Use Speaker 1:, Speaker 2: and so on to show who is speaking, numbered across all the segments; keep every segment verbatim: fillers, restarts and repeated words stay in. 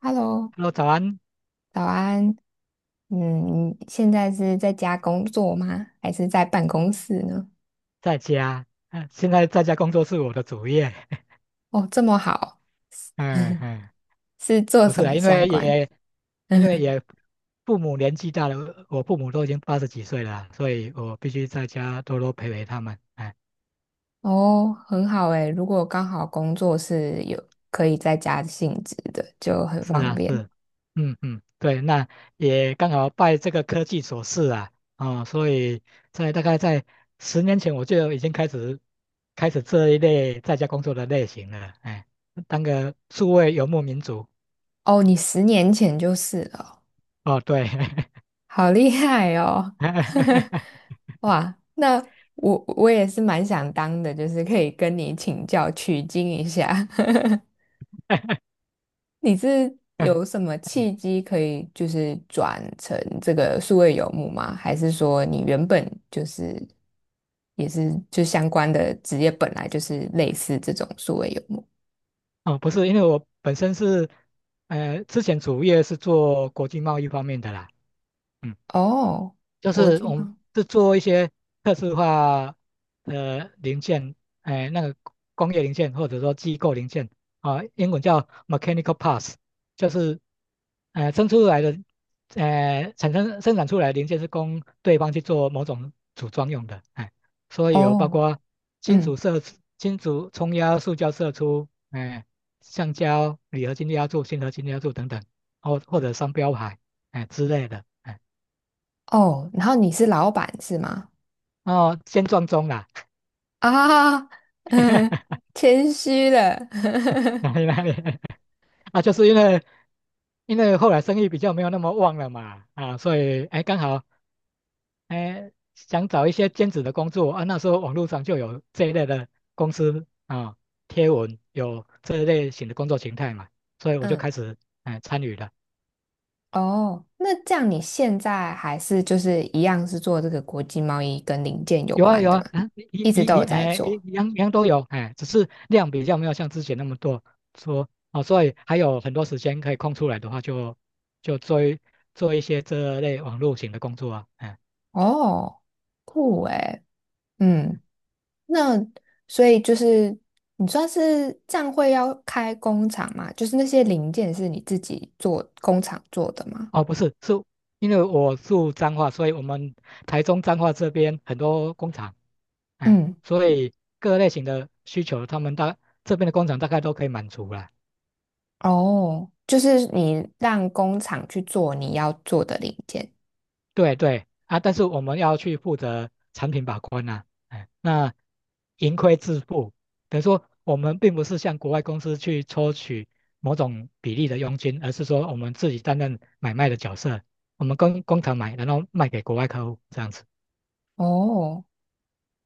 Speaker 1: Hello，
Speaker 2: Hello，早安，
Speaker 1: 早安。嗯，你现在是在家工作吗？还是在办公室呢？
Speaker 2: 在家。嗯、现在在家工作是我的主业。
Speaker 1: 哦，这么好，
Speaker 2: 嗯 嗯，
Speaker 1: 是做
Speaker 2: 不是
Speaker 1: 什么
Speaker 2: 啊，因
Speaker 1: 相
Speaker 2: 为
Speaker 1: 关？
Speaker 2: 也因为 也父母年纪大了，我父母都已经八十几岁了啊，所以我必须在家多多陪陪他们。哎，
Speaker 1: 哦，很好诶，如果刚好工作是有可以在家性质的，就很
Speaker 2: 是
Speaker 1: 方
Speaker 2: 啊，
Speaker 1: 便。
Speaker 2: 是，嗯嗯，对，那也刚好拜这个科技所赐啊，哦，所以在大概在十年前我就已经开始开始这一类在家工作的类型了。哎，当个数位游牧民族。
Speaker 1: 哦，你十年前就是了哦，
Speaker 2: 哦，对，
Speaker 1: 好厉害哦！哇，那我我也是蛮想当的，就是可以跟你请教取经一下。你是有什么契机可以就是转成这个数位游牧吗？还是说你原本就是也是就相关的职业本来就是类似这种数位游牧？
Speaker 2: 哦，不是，因为我本身是，呃，之前主业是做国际贸易方面的啦。嗯。
Speaker 1: 哦，
Speaker 2: 就
Speaker 1: 国
Speaker 2: 是
Speaker 1: 际
Speaker 2: 我们
Speaker 1: 吗？
Speaker 2: 是做一些特殊化的零件，哎，那个工业零件或者说机构零件啊，英文叫 mechanical parts，就是呃生出来的呃产生生产出来的零件是供对方去做某种组装用的，哎，所以有包
Speaker 1: 哦，
Speaker 2: 括金属
Speaker 1: 嗯，
Speaker 2: 射出金属冲压、塑胶射出，哎，橡胶、铝合金压铸、锌合金压铸等等，或或者商标牌，哎之类的。哎
Speaker 1: 哦，然后你是老板是吗？
Speaker 2: 哦，先撞钟啦，
Speaker 1: 啊，嗯，谦虚了，
Speaker 2: 哪里哪 里啊，就是因为因为后来生意比较没有那么旺了嘛，啊，所以哎刚好哎想找一些兼职的工作啊，那时候网络上就有这一类的公司啊贴文有这一类型的工作形态嘛，所以我就
Speaker 1: 嗯
Speaker 2: 开始哎参与了。
Speaker 1: 哦，那这样你现在还是就是一样是做这个国际贸易跟零件有
Speaker 2: 有啊
Speaker 1: 关
Speaker 2: 有
Speaker 1: 的
Speaker 2: 啊，
Speaker 1: 嘛？
Speaker 2: 啊一
Speaker 1: 一直
Speaker 2: 一
Speaker 1: 都有
Speaker 2: 一
Speaker 1: 在
Speaker 2: 哎一
Speaker 1: 做。
Speaker 2: 一样一样都有哎，只是量比较没有像之前那么多说哦，所以还有很多时间可以空出来的话就，就做一做一些这类网络型的工作啊，哎
Speaker 1: 哦，酷诶，嗯，那所以就是你算是这样会要开工厂嘛？就是那些零件是你自己做工厂做的吗？
Speaker 2: 哦不是是因为我住彰化，所以我们台中彰化这边很多工厂，哎，
Speaker 1: 嗯，
Speaker 2: 所以各类型的需求他们大这边的工厂大概都可以满足了，
Speaker 1: 哦，就是你让工厂去做你要做的零件。
Speaker 2: 对对啊，但是我们要去负责产品把关呐、哎，那盈亏自负，等于说我们并不是向国外公司去抽取某种比例的佣金，而是说我们自己担任买卖的角色，我们跟工厂买，然后卖给国外客户这样子，
Speaker 1: 哦。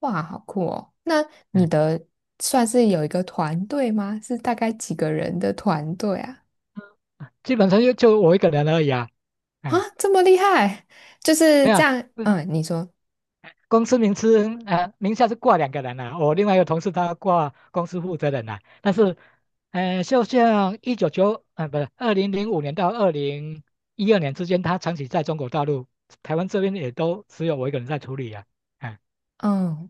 Speaker 1: 哇，好酷哦！那你
Speaker 2: 嗯，
Speaker 1: 的算是有一个团队吗？是大概几个人的团队啊？
Speaker 2: 基本上就就我一个人而已啊，
Speaker 1: 啊，
Speaker 2: 嗯，
Speaker 1: 这么厉害，就是
Speaker 2: 没有
Speaker 1: 这
Speaker 2: 啊
Speaker 1: 样。嗯，你说，
Speaker 2: 公司名称呃名下是挂两个人啊，我另外一个同事他挂公司负责人啊，但是，呃，就像一九九呃不是二零零五年到二零一二年之间，他长期在中国大陆，台湾这边也都只有我一个人在处理啊，嗯
Speaker 1: 嗯，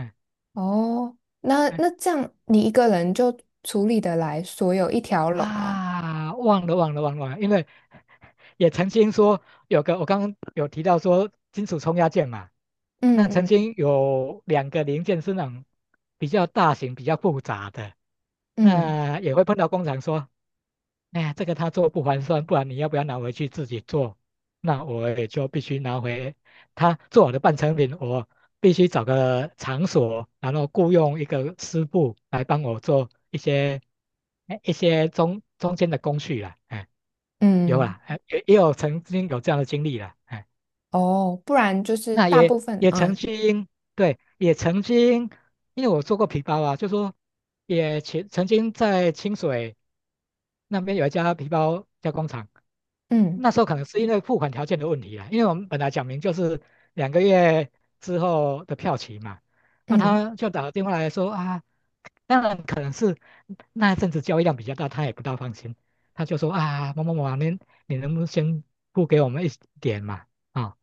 Speaker 2: 嗯
Speaker 1: 哦，那
Speaker 2: 嗯
Speaker 1: 那这样你一个人就处理得来所有一条龙哦。
Speaker 2: 啊，忘了忘了忘了，忘了因为也曾经说有个，我刚刚有提到说金属冲压件嘛，
Speaker 1: 嗯
Speaker 2: 那曾
Speaker 1: 嗯
Speaker 2: 经有两个零件是那种比较大型、比较复杂的，
Speaker 1: 嗯
Speaker 2: 那也会碰到工厂说，哎呀，这个他做不划算，不然你要不要拿回去自己做？那我也就必须拿回他做好的半成品，我必须找个场所，然后雇佣一个师傅来帮我做一些哎一些中中间的工序啦，哎。有
Speaker 1: 嗯，嗯
Speaker 2: 啦，哎也也有曾经有这样的经历了，哎，
Speaker 1: 哦，不然就是
Speaker 2: 那
Speaker 1: 大
Speaker 2: 也
Speaker 1: 部分，
Speaker 2: 也曾
Speaker 1: 嗯
Speaker 2: 经，对，也曾经，因为我做过皮包啊，就说也曾曾经在清水那边有一家皮包加工厂，
Speaker 1: 嗯
Speaker 2: 那时候可能是因为付款条件的问题啊，因为我们本来讲明就是两个月之后的票期嘛，那
Speaker 1: 嗯
Speaker 2: 他就打个电话来说啊，当然可能是那一阵子交易量比较大，他也不大放心，他就说啊，某某某啊，您你能不能先付给我们一点嘛？啊、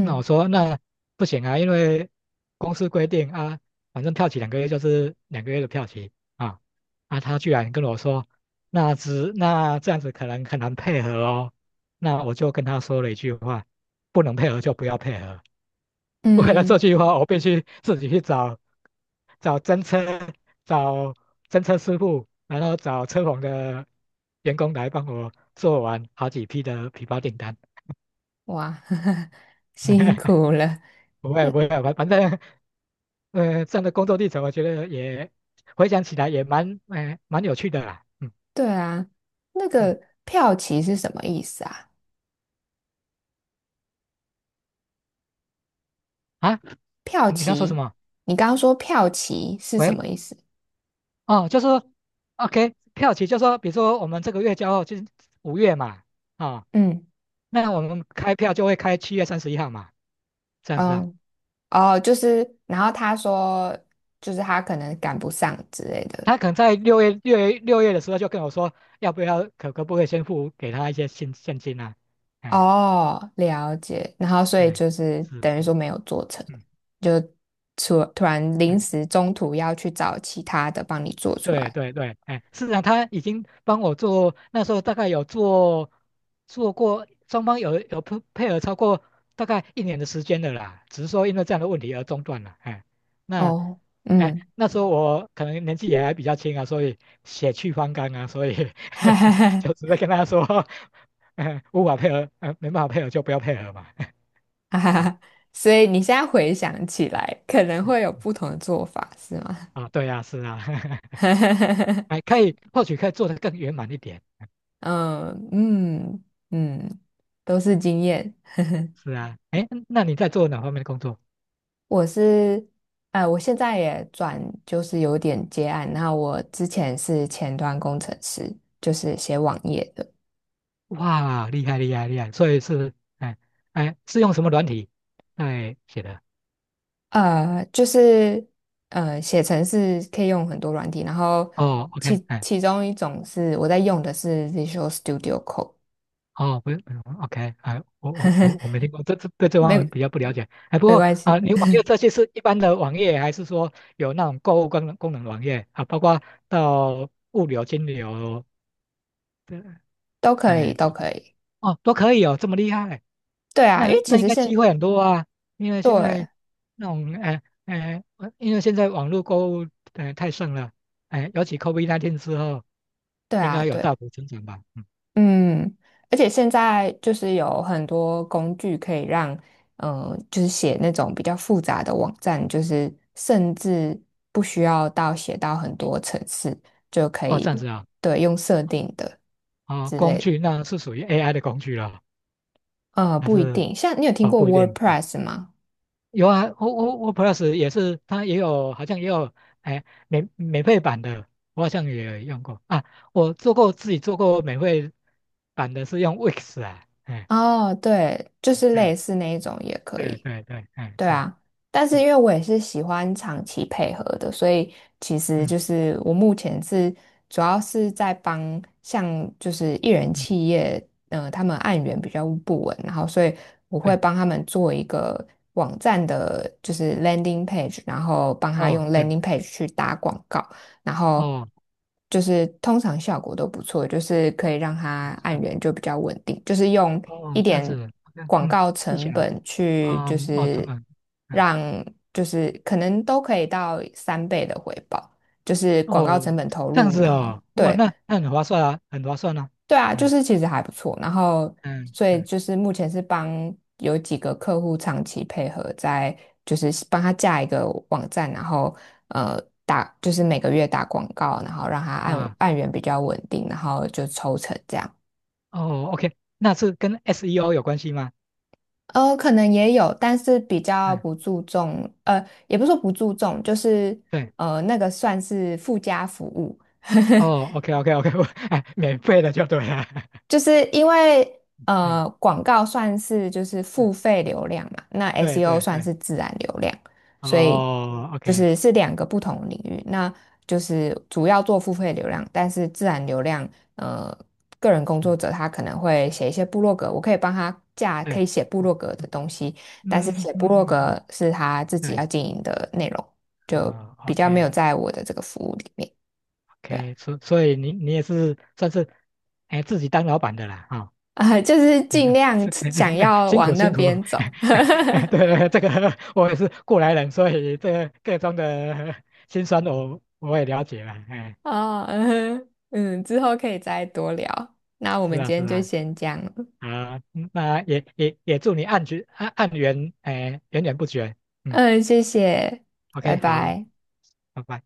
Speaker 2: 那我说那不行啊，因为公司规定啊，反正票期两个月就是两个月的票期啊啊，他居然跟我说那只那这样子可能很难配合哦，那我就跟他说了一句话，不能配合就不要配合。 为了
Speaker 1: 嗯，
Speaker 2: 这
Speaker 1: 嗯
Speaker 2: 句话，我必须自己去找找真车、找真车师傅，然后找车棚的员工来帮我做完好几批的皮包订单。
Speaker 1: 哇，辛 苦了。
Speaker 2: 不会不会，反反正呃，这样的工作历程，我觉得也回想起来也蛮呃蛮有趣的啦。嗯
Speaker 1: 对啊，那
Speaker 2: 嗯
Speaker 1: 个票期是什么意思啊？
Speaker 2: 啊，
Speaker 1: 票
Speaker 2: 你刚说什
Speaker 1: 期，
Speaker 2: 么？
Speaker 1: 你刚刚说票期是什
Speaker 2: 喂
Speaker 1: 么意思？
Speaker 2: 哦，就是说 OK 票期，就是说比如说我们这个月交货就是五月嘛，啊、
Speaker 1: 嗯，
Speaker 2: 那我们开票就会开七月三十一号嘛，这样子啊。
Speaker 1: 哦，哦，就是，然后他说，就是他可能赶不上之类的。
Speaker 2: 他可能在六月六月六月的时候就跟我说，要不要可可不可以先付给他一些现现金啊？哎
Speaker 1: 哦，了解。然后所以
Speaker 2: 哎，
Speaker 1: 就是
Speaker 2: 是
Speaker 1: 等于
Speaker 2: 是，
Speaker 1: 说没有做成，
Speaker 2: 嗯。
Speaker 1: 就突突然临
Speaker 2: 哎
Speaker 1: 时中途要去找其他的帮你做出
Speaker 2: 对
Speaker 1: 来。
Speaker 2: 对对，哎，市上他已经帮我做，那时候大概有做做过，双方有有配配合超过大概一年的时间的啦，只是说因为这样的问题而中断了，哎，那
Speaker 1: 哦，
Speaker 2: 哎
Speaker 1: 嗯，
Speaker 2: 那时候我可能年纪也还比较轻啊，所以血气方刚啊，所以
Speaker 1: 哈 哈哈，
Speaker 2: 就直接跟他说，嗯，无法配合，呃，没办法配合就不要配合嘛，
Speaker 1: 哈哈
Speaker 2: 嗯
Speaker 1: 哈。所以你现在回想起来，可能会有不同的做法，是吗？
Speaker 2: 啊，对啊，是啊，哎，可以或许可以做得更圆满一点，
Speaker 1: 嗯嗯嗯，都是经验。
Speaker 2: 是啊，哎，那你在做哪方面的工作？
Speaker 1: 我是，呃，我现在也转，就是有点接案。那我之前是前端工程师，就是写网页的。
Speaker 2: 哇，厉害厉害厉害！所以是，哎哎，是用什么软体哎写的？
Speaker 1: 呃，就是呃，写程式可以用很多软体，然后
Speaker 2: 哦，OK，
Speaker 1: 其
Speaker 2: 哎，
Speaker 1: 其中一种是我在用的是 Visual Studio Code，
Speaker 2: 哦，不是 o k 哎，我我我我没听过，这这对这
Speaker 1: 没
Speaker 2: 方面比较不了解。哎，不
Speaker 1: 没
Speaker 2: 过
Speaker 1: 关
Speaker 2: 啊，
Speaker 1: 系，
Speaker 2: 你网页这些是一般的网页，还是说有那种购物功能功能网页啊？包括到物流、金流的，
Speaker 1: 都可以，
Speaker 2: 哎，这
Speaker 1: 都可以。
Speaker 2: 哦，都可以哦，这么厉害，
Speaker 1: 对啊，因为
Speaker 2: 那那
Speaker 1: 其
Speaker 2: 应
Speaker 1: 实
Speaker 2: 该机
Speaker 1: 现
Speaker 2: 会很多啊，因为现在
Speaker 1: 对
Speaker 2: 那种呃呃，呃因为现在网络购物呃太盛了，哎、尤其 COVID 十九 之后，
Speaker 1: 对
Speaker 2: 应
Speaker 1: 啊，
Speaker 2: 该有大
Speaker 1: 对。
Speaker 2: 幅增长吧？嗯，
Speaker 1: 嗯，而且现在就是有很多工具可以让，嗯、就是写那种比较复杂的网站，就是甚至不需要到写到很多层次就可
Speaker 2: 哦，这样
Speaker 1: 以，
Speaker 2: 子啊，
Speaker 1: 对，用设定的
Speaker 2: 哦，
Speaker 1: 之
Speaker 2: 工
Speaker 1: 类
Speaker 2: 具
Speaker 1: 的。
Speaker 2: 那是属于 A I 的工具了，
Speaker 1: 呃，
Speaker 2: 还
Speaker 1: 不一
Speaker 2: 是
Speaker 1: 定，像你有听
Speaker 2: 哦
Speaker 1: 过
Speaker 2: 不一定，哎
Speaker 1: WordPress 吗？
Speaker 2: 有啊，O O O Plus 也是，它也有好像也有哎免免费版的，我好像也用过啊，我做过自己做过免费版的是用 Wix 啊。哎
Speaker 1: 哦，对，就是类
Speaker 2: 哎，
Speaker 1: 似那一种也可
Speaker 2: 对
Speaker 1: 以。
Speaker 2: 对对，哎，
Speaker 1: 对
Speaker 2: 是，
Speaker 1: 啊，但是
Speaker 2: 嗯
Speaker 1: 因为我也是喜欢长期配合的，所以其实
Speaker 2: 嗯
Speaker 1: 就是我目前是主要是在帮像就是艺人
Speaker 2: 嗯，
Speaker 1: 企业，呃，他们案源比较不稳，然后所以我会
Speaker 2: 对，
Speaker 1: 帮他们做一个网站的，就是 landing page，然后帮他
Speaker 2: 哦
Speaker 1: 用
Speaker 2: 对，
Speaker 1: landing page 去打广告。然后
Speaker 2: 哦
Speaker 1: 就是通常效果都不错，就是可以让它按
Speaker 2: 是，
Speaker 1: 源就比较稳定，就是用
Speaker 2: 哦
Speaker 1: 一
Speaker 2: 这样
Speaker 1: 点
Speaker 2: 子，OK，
Speaker 1: 广
Speaker 2: 嗯，
Speaker 1: 告
Speaker 2: 技巧，
Speaker 1: 成本去，就
Speaker 2: 嗯，哦成
Speaker 1: 是
Speaker 2: 本，嗯，
Speaker 1: 让就是可能都可以到三倍的回报，就是广告
Speaker 2: 哦
Speaker 1: 成本投
Speaker 2: 这样
Speaker 1: 入，
Speaker 2: 子
Speaker 1: 然后
Speaker 2: 哦，哇，
Speaker 1: 对。
Speaker 2: 那那很划算啊，很划算啊，
Speaker 1: 对啊，就
Speaker 2: 嗯
Speaker 1: 是其实还不错。然后，
Speaker 2: 嗯
Speaker 1: 所以
Speaker 2: 嗯，
Speaker 1: 就是目前是帮有几个客户长期配合，在就是帮他架一个网站，然后呃打就是每个月打广告，然后让他按
Speaker 2: 哇，
Speaker 1: 按源比较稳定，然后就抽成这样。
Speaker 2: 哦 OK，那是跟 SEO 有关系吗？
Speaker 1: 呃，可能也有，但是比较
Speaker 2: 嗯，
Speaker 1: 不注重，呃，也不是说不注重，就是
Speaker 2: 对，
Speaker 1: 呃那个算是附加服务。
Speaker 2: 哦 OK OK OK，我 哎，免费的就对了，
Speaker 1: 就是因为
Speaker 2: 嗯，
Speaker 1: 呃，广告算是就是
Speaker 2: 嗯
Speaker 1: 付费流量嘛，那
Speaker 2: 对
Speaker 1: S E O
Speaker 2: 对
Speaker 1: 算
Speaker 2: 对，
Speaker 1: 是自然流量，所以
Speaker 2: 哦
Speaker 1: 就
Speaker 2: OK，
Speaker 1: 是是两个不同的领域。那就是主要做付费流量，但是自然流量，呃，个人工作
Speaker 2: 是，
Speaker 1: 者他可能会写一些部落格，我可以帮他架可
Speaker 2: 对。
Speaker 1: 以写部落格的东西，
Speaker 2: 嗯
Speaker 1: 但是
Speaker 2: 嗯
Speaker 1: 写
Speaker 2: 嗯
Speaker 1: 部落
Speaker 2: 嗯嗯嗯
Speaker 1: 格是他自己
Speaker 2: 对，
Speaker 1: 要经营的内容，就
Speaker 2: 啊、
Speaker 1: 比
Speaker 2: o
Speaker 1: 较没有
Speaker 2: k
Speaker 1: 在我的这个服务里面。对啊
Speaker 2: OK，所所以你你也是算是，哎，自己当老板的啦，哈、
Speaker 1: 啊、就是尽 量
Speaker 2: 是这
Speaker 1: 想
Speaker 2: 个
Speaker 1: 要
Speaker 2: 辛苦
Speaker 1: 往那
Speaker 2: 辛苦，
Speaker 1: 边走。
Speaker 2: 对对，这个我也是过来人，所以这个各种的 辛酸我我也了解了，哎，
Speaker 1: 哦，嗯哼嗯，之后可以再多聊。那我
Speaker 2: 是
Speaker 1: 们
Speaker 2: 啊
Speaker 1: 今
Speaker 2: 是
Speaker 1: 天就
Speaker 2: 啊，
Speaker 1: 先这样了。
Speaker 2: 啊，嗯那也也也祝你案局案案源，哎，源源不绝，嗯
Speaker 1: 嗯，谢谢，拜
Speaker 2: ，OK，好，
Speaker 1: 拜。
Speaker 2: 拜拜。